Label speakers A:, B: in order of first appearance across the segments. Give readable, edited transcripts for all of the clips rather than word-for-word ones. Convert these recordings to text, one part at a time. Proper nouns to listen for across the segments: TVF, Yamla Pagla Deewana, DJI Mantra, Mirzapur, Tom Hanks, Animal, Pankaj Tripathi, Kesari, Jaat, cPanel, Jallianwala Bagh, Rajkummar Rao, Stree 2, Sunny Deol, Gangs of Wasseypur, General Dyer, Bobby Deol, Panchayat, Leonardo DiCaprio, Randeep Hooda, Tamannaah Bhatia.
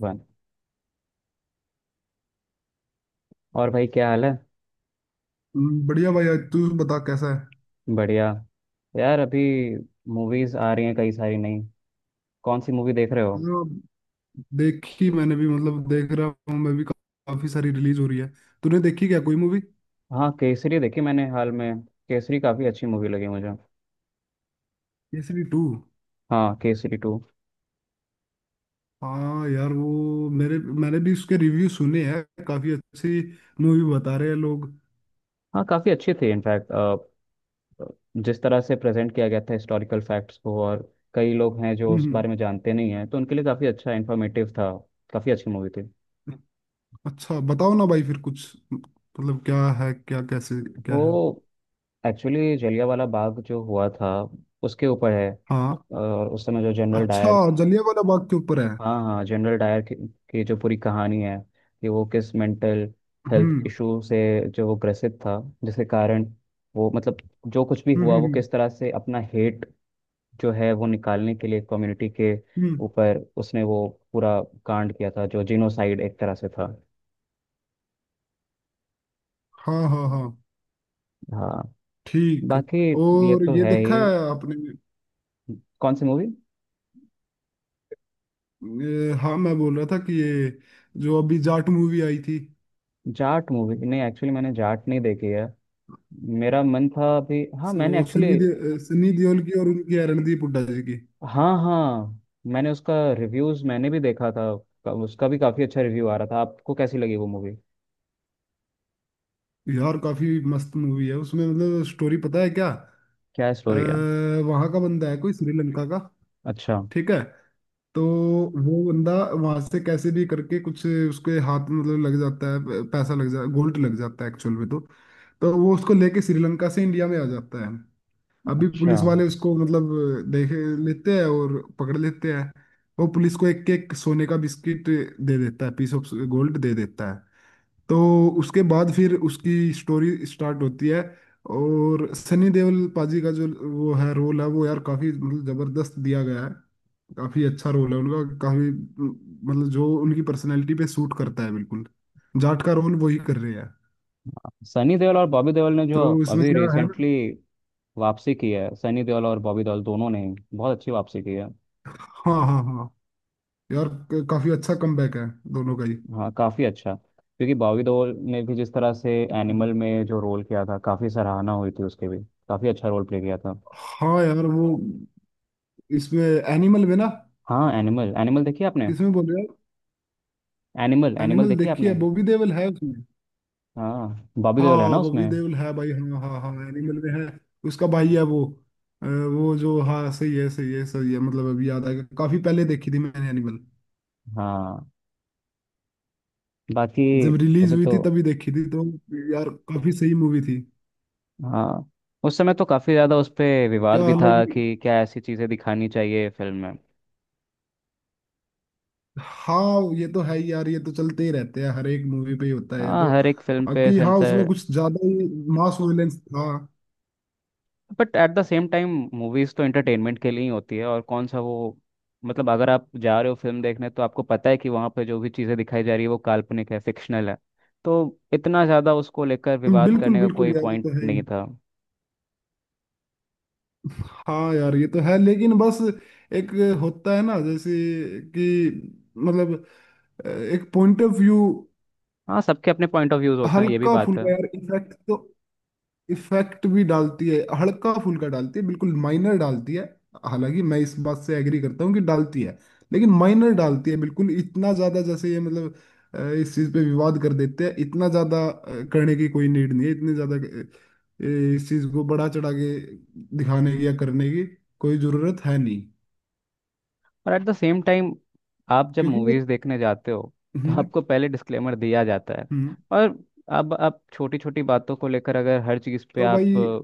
A: One. और भाई क्या हाल है।
B: बढ़िया भाई। आज तू बता कैसा है।
A: बढ़िया। यार अभी मूवीज आ रही हैं कई सारी नई। कौन सी मूवी देख रहे हो।
B: मतलब देखी मैंने भी, मतलब देख रहा हूँ मैं भी। काफी सारी रिलीज हो रही है। तूने देखी क्या कोई मूवी?
A: हाँ केसरी देखी मैंने हाल में। केसरी काफी अच्छी मूवी लगी मुझे।
B: केसरी टू।
A: हाँ केसरी टू।
B: हाँ यार, वो मेरे मैंने भी उसके रिव्यू सुने हैं। काफी अच्छी मूवी बता रहे हैं लोग।
A: हाँ काफी अच्छी थी इनफैक्ट। जिस तरह से प्रेजेंट किया गया था हिस्टोरिकल फैक्ट्स को, और कई लोग हैं जो उस
B: हम्म।
A: बारे में जानते नहीं हैं तो उनके लिए काफी अच्छा इंफॉर्मेटिव था। काफी अच्छी मूवी थी।
B: अच्छा बताओ ना भाई, फिर कुछ मतलब क्या है क्या, कैसे क्या
A: वो
B: है?
A: एक्चुअली जलियांवाला बाग जो हुआ था उसके ऊपर है।
B: हाँ।
A: और उस समय जो जनरल
B: अच्छा,
A: डायर,
B: जलियांवाला बाग के ऊपर है।
A: हाँ हाँ, जनरल डायर की जो पूरी कहानी है कि वो किस मेंटल हेल्थ
B: हम्म।
A: इशू से जो वो ग्रसित था, जिसके कारण वो मतलब जो कुछ भी
B: हम्म।
A: हुआ वो
B: हम्म।
A: किस तरह से अपना हेट जो है वो निकालने के लिए कम्युनिटी के
B: हम्म,
A: ऊपर उसने वो पूरा कांड किया था जो जिनोसाइड एक तरह से था।
B: हाँ हाँ हाँ,
A: हाँ।
B: ठीक।
A: बाकी ये
B: और
A: तो
B: ये
A: है
B: देखा
A: ही।
B: है आपने?
A: कौन सी मूवी।
B: ये, हाँ मैं बोल रहा था कि ये जो अभी जाट मूवी आई थी,
A: जाट मूवी नहीं, एक्चुअली मैंने जाट नहीं देखी है। मेरा मन था अभी, हाँ मैंने
B: वो
A: एक्चुअली,
B: सनी देओल की और उनकी रणदीप हुड्डा जी की।
A: हाँ हाँ, मैंने उसका रिव्यूज मैंने भी देखा था। उसका भी काफी अच्छा रिव्यू आ रहा था। आपको कैसी लगी वो मूवी।
B: यार काफी मस्त मूवी है उसमें। मतलब स्टोरी पता है क्या,
A: क्या स्टोरी है।
B: वहां का बंदा है कोई श्रीलंका का।
A: अच्छा।
B: ठीक है। तो वो बंदा वहां से कैसे भी करके कुछ उसके हाथ में मतलब लग जाता है, पैसा लग जाता है, गोल्ड लग जाता है एक्चुअल में। तो वो उसको लेके श्रीलंका से इंडिया में आ जाता है। अभी
A: अच्छा।
B: पुलिस वाले उसको मतलब देख लेते हैं और पकड़ लेते हैं। वो पुलिस को एक एक सोने का बिस्किट दे देता है, पीस ऑफ गोल्ड दे देता है। तो उसके बाद फिर उसकी स्टोरी स्टार्ट होती है। और सनी देओल पाजी का जो वो है रोल है वो, यार काफी मतलब जबरदस्त दिया गया है। काफी अच्छा रोल है उनका, काफी मतलब जो उनकी पर्सनैलिटी पे सूट करता है बिल्कुल। जाट का रोल वही कर रहे हैं,
A: सनी देओल और बॉबी देओल ने जो
B: तो इसमें
A: अभी
B: क्या है।
A: रिसेंटली वापसी की है, सनी देओल और बॉबी देओल दोनों ने बहुत अच्छी वापसी की है।
B: हाँ हाँ हाँ, यार काफी अच्छा कमबैक है दोनों का ही।
A: हाँ काफी अच्छा, क्योंकि बॉबी देओल ने भी जिस तरह से एनिमल में जो रोल किया था काफी सराहना हुई थी उसके भी, काफी अच्छा रोल प्ले किया था।
B: हाँ यार वो इसमें एनिमल में ना।
A: हाँ एनिमल, एनिमल देखी आपने।
B: किसमें बोल रहे हो?
A: एनिमल, एनिमल
B: एनिमल
A: देखी
B: देखी है,
A: आपने।
B: बॉबी देओल है उसमें।
A: हाँ बॉबी देओल है ना
B: हाँ बॉबी
A: उसमें।
B: देओल है भाई, हाँ हाँ हाँ, एनिमल में है, उसका भाई है वो। वो जो, हाँ सही है सही है सही है, मतलब अभी याद आएगा। काफी पहले देखी थी मैंने एनिमल,
A: हाँ। बाकी
B: जब रिलीज
A: अभी
B: हुई
A: तो,
B: थी तभी देखी थी तो। यार काफी सही मूवी थी।
A: हाँ उस समय तो काफी ज्यादा उस पे विवाद
B: क्या
A: भी
B: अलग।
A: था कि क्या ऐसी चीजें दिखानी चाहिए फिल्म में।
B: हाँ ये तो है ही यार, ये तो चलते ही रहते हैं, हर एक मूवी पे ही होता है ये
A: हाँ
B: तो।
A: हर एक फिल्म पे
B: बाकी हाँ, उसमें
A: सेंसर।
B: कुछ ज्यादा ही मास वायलेंस था।
A: But at the same time, movies तो एंटरटेनमेंट के लिए ही होती है, और कौन सा वो मतलब अगर आप जा रहे हो फिल्म देखने तो आपको पता है कि वहाँ पे जो भी चीजें दिखाई जा रही है वो काल्पनिक है, फिक्शनल है। तो इतना ज्यादा उसको लेकर विवाद
B: बिल्कुल
A: करने का कोई
B: बिल्कुल यार, ये
A: पॉइंट
B: तो है ही।
A: नहीं था।
B: हाँ यार ये तो है, लेकिन बस एक होता है ना, जैसे कि मतलब एक पॉइंट ऑफ व्यू।
A: हाँ सबके अपने पॉइंट ऑफ व्यूज होते हैं, ये भी
B: हल्का
A: बात है।
B: फुल्का यार इफेक्ट तो, इफेक्ट भी डालती है, हल्का फुल्का डालती है, बिल्कुल माइनर डालती है। हालांकि मैं इस बात से एग्री करता हूँ कि डालती है, लेकिन माइनर डालती है बिल्कुल। इतना ज्यादा जैसे ये मतलब इस चीज पे विवाद कर देते हैं, इतना ज्यादा करने की कोई नीड नहीं है। इतनी ज्यादा इस चीज को बढ़ा चढ़ा के दिखाने की या करने की कोई जरूरत है नहीं।
A: और एट द सेम टाइम, आप जब
B: क्योंकि ये
A: मूवीज देखने जाते हो तो
B: हम्म।
A: आपको पहले डिस्क्लेमर दिया जाता है,
B: हम्म।
A: और अब आप छोटी छोटी बातों को लेकर अगर हर चीज़ पे
B: तो
A: आप
B: भाई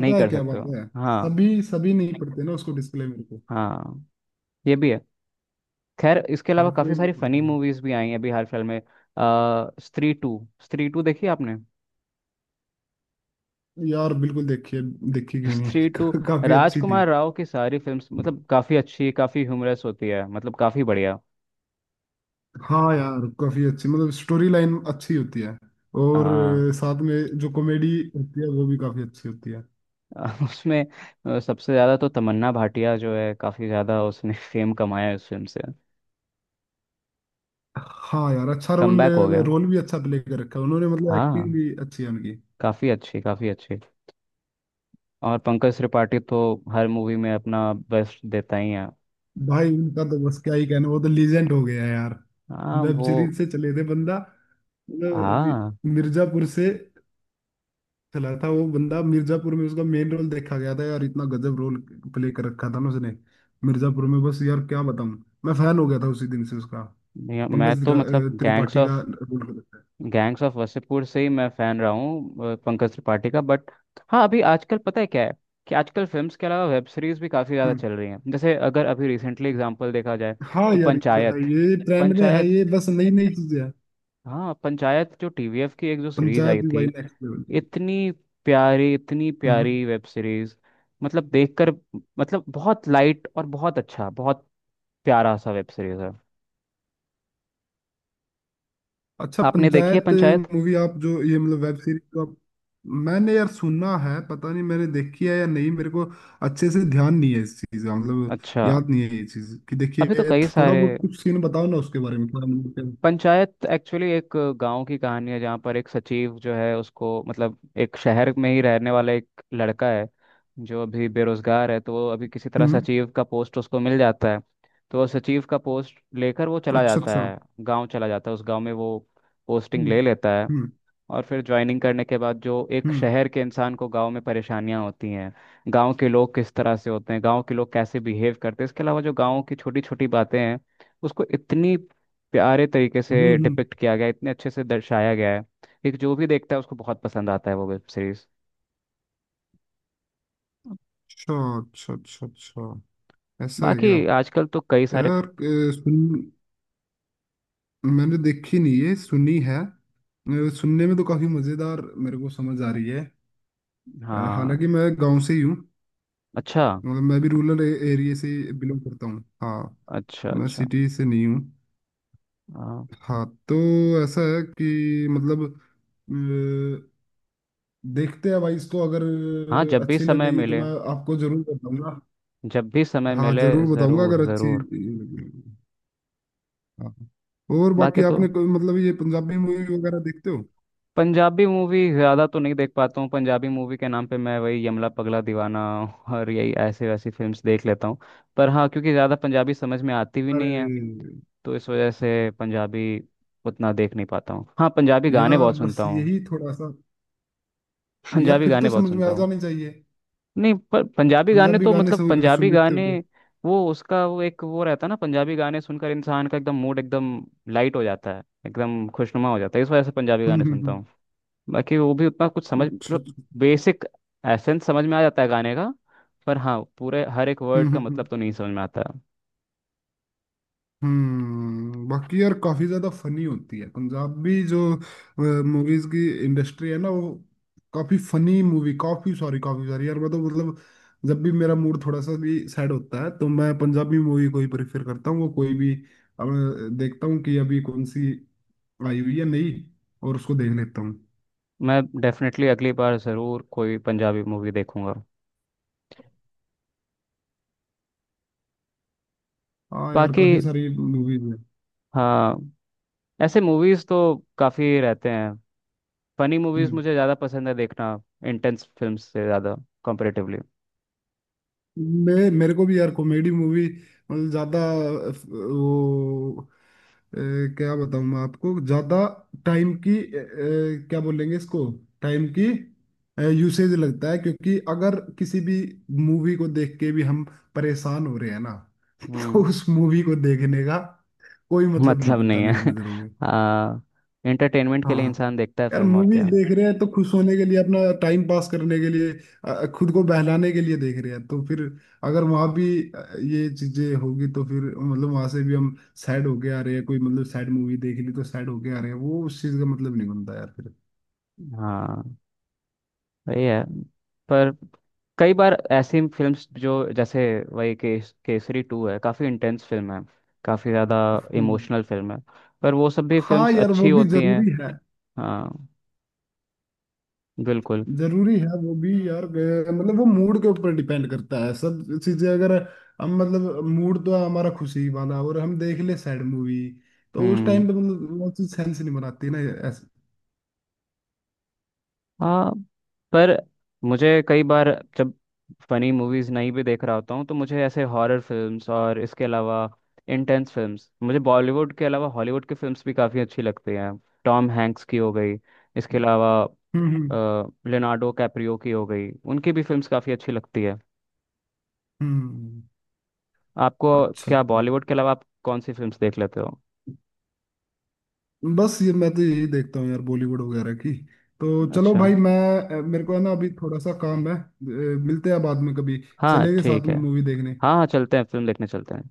A: नहीं
B: है
A: कर
B: क्या
A: सकते
B: बात
A: हो।
B: है,
A: हाँ।
B: सभी सभी नहीं पढ़ते ना उसको, डिस्क्लेमर को।
A: हाँ ये भी है। खैर इसके अलावा
B: हर कोई
A: काफ़ी
B: नहीं
A: सारी फनी
B: पढ़ता।
A: मूवीज भी आई हैं अभी हाल फिलहाल में। स्त्री टू, स्त्री टू देखी आपने।
B: यार बिल्कुल देखिए, देखी क्यों नहीं
A: स्त्री टू,
B: काफी अच्छी थी।
A: राजकुमार राव की सारी फिल्म्स मतलब काफ़ी अच्छी, काफ़ी ह्यूमरस होती है, मतलब काफ़ी बढ़िया।
B: हाँ यार काफी अच्छी, मतलब स्टोरी लाइन अच्छी होती है, और साथ में जो कॉमेडी होती है वो भी काफी अच्छी होती है।
A: उसमें सबसे ज़्यादा तो तमन्ना भाटिया जो है काफ़ी ज़्यादा उसने फेम कमाया है उस फिल्म से।
B: हाँ यार अच्छा रोल,
A: कमबैक हो गया।
B: रोल भी अच्छा प्ले कर रखा है उन्होंने, मतलब एक्टिंग
A: हाँ
B: भी अच्छी है उनकी।
A: काफ़ी अच्छी, काफ़ी अच्छी। और पंकज त्रिपाठी तो हर मूवी में अपना बेस्ट देता ही है।
B: भाई उनका तो बस क्या ही कहना, वो तो लीजेंड हो गया है यार।
A: हाँ
B: वेब
A: वो,
B: सीरीज से चले थे बंदा, मतलब अभी
A: हाँ
B: मिर्जापुर से चला था वो बंदा। मिर्जापुर में उसका मेन रोल देखा गया था, यार इतना गजब रोल प्ले कर रखा था ना उसने मिर्जापुर में। बस यार क्या बताऊं, मैं फैन हो गया था उसी दिन से उसका।
A: मैं
B: पंकज
A: तो मतलब गैंग्स
B: त्रिपाठी का
A: ऑफ,
B: रोल कर रखा है।
A: गैंग्स ऑफ वसेपुर से ही मैं फ़ैन रहा हूँ पंकज त्रिपाठी का। बट हाँ अभी आजकल पता है क्या है कि आजकल फिल्म्स के अलावा वेब सीरीज भी काफ़ी ज़्यादा
B: हम्म।
A: चल रही हैं। जैसे अगर अभी रिसेंटली एग्जांपल देखा जाए
B: हाँ
A: तो
B: यार ये तो है,
A: पंचायत,
B: ये ट्रेंड में है,
A: पंचायत,
B: ये बस नई नई चीजें हैं।
A: हाँ पंचायत जो टीवीएफ की एक जो सीरीज
B: पंचायत
A: आई
B: भी
A: थी,
B: भाई नेक्स्ट लेवल की।
A: इतनी प्यारी, इतनी
B: हम्म।
A: प्यारी वेब सीरीज, मतलब देखकर, मतलब बहुत लाइट और बहुत अच्छा, बहुत प्यारा सा वेब सीरीज है।
B: अच्छा
A: आपने देखी है
B: पंचायत
A: पंचायत।
B: मूवी, आप जो ये मतलब वेब सीरीज जो आप, मैंने यार सुना है, पता नहीं मैंने देखी है या नहीं, मेरे को अच्छे से ध्यान नहीं है इस चीज का, मतलब
A: अच्छा।
B: याद नहीं है ये चीज कि देखिए।
A: अभी तो कई
B: थोड़ा
A: सारे,
B: बहुत कुछ सीन बताओ ना उसके बारे में, क्या मतलब
A: पंचायत एक्चुअली एक गांव की कहानी है जहाँ पर एक सचिव जो है उसको मतलब, एक शहर में ही रहने वाला एक लड़का है जो अभी बेरोजगार है, तो वो अभी किसी तरह
B: हम्म।
A: सचिव का पोस्ट उसको मिल जाता है। तो वो सचिव का पोस्ट लेकर वो चला
B: अच्छा
A: जाता
B: अच्छा।
A: है, गांव चला जाता है, उस गांव में वो पोस्टिंग ले
B: हम्म।
A: लेता है।
B: हम्म।
A: और फिर ज्वाइनिंग करने के बाद जो एक
B: हम्म।
A: शहर के इंसान को गांव में परेशानियां होती हैं, गांव के लोग किस तरह से होते हैं, गांव के लोग कैसे बिहेव करते हैं, इसके अलावा जो गांव की छोटी छोटी बातें हैं, उसको इतनी प्यारे तरीके
B: हम्म।
A: से डिपिक्ट किया गया है, इतने अच्छे से दर्शाया गया है कि जो भी देखता है उसको बहुत पसंद आता है वो वेब सीरीज।
B: अच्छा अच्छा अच्छा। अच्छा ऐसा है
A: बाकी
B: क्या?
A: आजकल तो कई सारे।
B: यार सुन, मैंने देखी नहीं है सुनी है, सुनने में तो काफी मजेदार मेरे को समझ आ रही है।
A: हाँ।
B: हालांकि मैं गांव से ही हूँ,
A: अच्छा
B: मतलब मैं भी रूरल एरिया से बिलोंग करता हूँ। हाँ
A: अच्छा
B: मैं
A: अच्छा।
B: सिटी से नहीं हूँ।
A: हाँ
B: हाँ तो ऐसा है कि मतलब देखते हैं भाई इसको, अगर
A: हाँ, जब भी
B: अच्छी
A: समय
B: लगेगी तो
A: मिले,
B: मैं आपको जरूर बताऊंगा।
A: जब भी समय
B: हाँ
A: मिले
B: जरूर बताऊंगा
A: ज़रूर
B: अगर अच्छी
A: ज़रूर।
B: लगी। हाँ और बाकी
A: बाकी तो
B: आपने कोई मतलब ये पंजाबी मूवी वगैरह देखते हो?
A: पंजाबी मूवी ज़्यादा तो नहीं देख पाता हूँ। पंजाबी मूवी के नाम पे मैं वही यमला पगला दीवाना और यही ऐसे वैसी फिल्म्स देख लेता हूँ। पर हाँ, क्योंकि ज़्यादा पंजाबी समझ में आती भी
B: अरे
A: नहीं है, तो इस वजह से पंजाबी उतना देख नहीं पाता हूँ। हाँ पंजाबी गाने
B: यार
A: बहुत
B: बस
A: सुनता हूँ।
B: यही थोड़ा सा, यार
A: पंजाबी
B: फिर
A: गाने
B: तो
A: बहुत
B: समझ में
A: सुनता
B: आ
A: हूँ।
B: जानी चाहिए।
A: नहीं पर पंजाबी गाने
B: पंजाबी
A: तो
B: गाने
A: मतलब पंजाबी
B: सुन लेते हो
A: गाने,
B: तो।
A: वो उसका वो एक वो रहता है ना, पंजाबी गाने सुनकर इंसान का एकदम मूड एकदम लाइट हो जाता है, एकदम खुशनुमा हो जाता है, इस वजह से पंजाबी गाने सुनता
B: हम्म।
A: हूँ। बाकी वो भी उतना कुछ समझ
B: अच्छा
A: मतलब,
B: अच्छा।
A: बेसिक एसेंस समझ में आ जाता है गाने का। पर हाँ पूरे हर एक
B: हम्म
A: वर्ड का
B: हम्म हम्म।
A: मतलब तो नहीं समझ में आता।
B: बाकी यार काफी ज्यादा फनी होती है पंजाबी जो मूवीज की इंडस्ट्री है ना वो। काफी फनी मूवी, काफी सॉरी काफी सारी। यार मैं तो मतलब जब भी मेरा मूड थोड़ा सा भी सैड होता है तो मैं पंजाबी मूवी को ही प्रेफर करता हूँ। वो कोई भी अब देखता हूँ कि अभी कौन सी आई हुई है नई, और उसको देख लेता हूँ।
A: मैं डेफिनेटली अगली बार ज़रूर कोई पंजाबी मूवी देखूंगा।
B: हाँ यार
A: बाकी
B: काफी सारी मूवीज
A: हाँ, ऐसे मूवीज़ तो काफ़ी रहते हैं। फनी मूवीज़ मुझे
B: है।
A: ज़्यादा पसंद है देखना, इंटेंस फिल्म से ज़्यादा, कंपेरेटिवली।
B: मैं, मेरे को भी यार कॉमेडी मूवी मतलब ज्यादा, वो अ, क्या बताऊं मैं आपको, ज्यादा टाइम की क्या बोलेंगे इसको, टाइम की यूसेज लगता है, क्योंकि अगर किसी भी मूवी को देख के भी हम परेशान हो रहे हैं ना तो
A: हम्म।
B: उस मूवी को देखने का कोई मतलब नहीं
A: मतलब
B: बनता
A: नहीं
B: मेरी
A: है।
B: नजरों में।
A: हाँ इंटरटेनमेंट के लिए
B: हाँ
A: इंसान देखता है
B: यार
A: फिल्म, और
B: मूवीज
A: क्या।
B: देख रहे हैं तो खुश होने के लिए, अपना टाइम पास करने के लिए, खुद को बहलाने के लिए देख रहे हैं, तो फिर अगर वहां भी ये चीजें होगी, तो फिर मतलब वहां से भी हम सैड होके आ रहे हैं। कोई मतलब सैड मूवी देख ली तो सैड होके आ रहे हैं, वो उस चीज का मतलब नहीं बनता यार फिर।
A: हाँ वही है। पर कई बार ऐसी फिल्म्स जो जैसे, वही केसरी टू है, काफ़ी इंटेंस फिल्म है, काफ़ी ज़्यादा
B: हम्म।
A: इमोशनल फिल्म है, पर वो सब भी
B: हाँ
A: फिल्म्स
B: यार
A: अच्छी
B: वो भी
A: होती हैं।
B: जरूरी है,
A: हाँ बिल्कुल।
B: जरूरी है वो भी यार, मतलब वो मूड के ऊपर डिपेंड करता है सब चीजें, अगर हम मतलब मूड तो हमारा खुशी वाला और हम देख ले सैड मूवी, तो उस
A: हम्म।
B: टाइम पे मतलब वो चीज सेंस नहीं बनाती ना ऐसे।
A: हाँ पर मुझे कई बार जब फनी मूवीज़ नहीं भी देख रहा होता हूँ तो मुझे ऐसे हॉरर फिल्म्स और इसके अलावा इंटेंस फिल्म्स, मुझे बॉलीवुड के अलावा हॉलीवुड की फिल्म्स भी काफ़ी अच्छी लगती हैं। टॉम हैंक्स की हो गई, इसके
B: हम्म।
A: अलावा
B: हम्म
A: लियोनार्डो कैप्रियो की हो गई, उनकी भी फिल्म्स काफ़ी अच्छी लगती है।
B: हम्म, हम्म।
A: आपको
B: अच्छा
A: क्या बॉलीवुड के अलावा आप कौन सी फिल्म्स देख लेते हो।
B: बस ये मैं तो यही देखता हूँ यार बॉलीवुड वगैरह की। तो चलो
A: अच्छा।
B: भाई मैं, मेरे को है ना अभी थोड़ा सा काम है, मिलते हैं बाद में कभी।
A: हाँ
B: चलेंगे साथ
A: ठीक है।
B: में मूवी देखने।
A: हाँ हाँ चलते हैं, फिल्म देखने चलते हैं।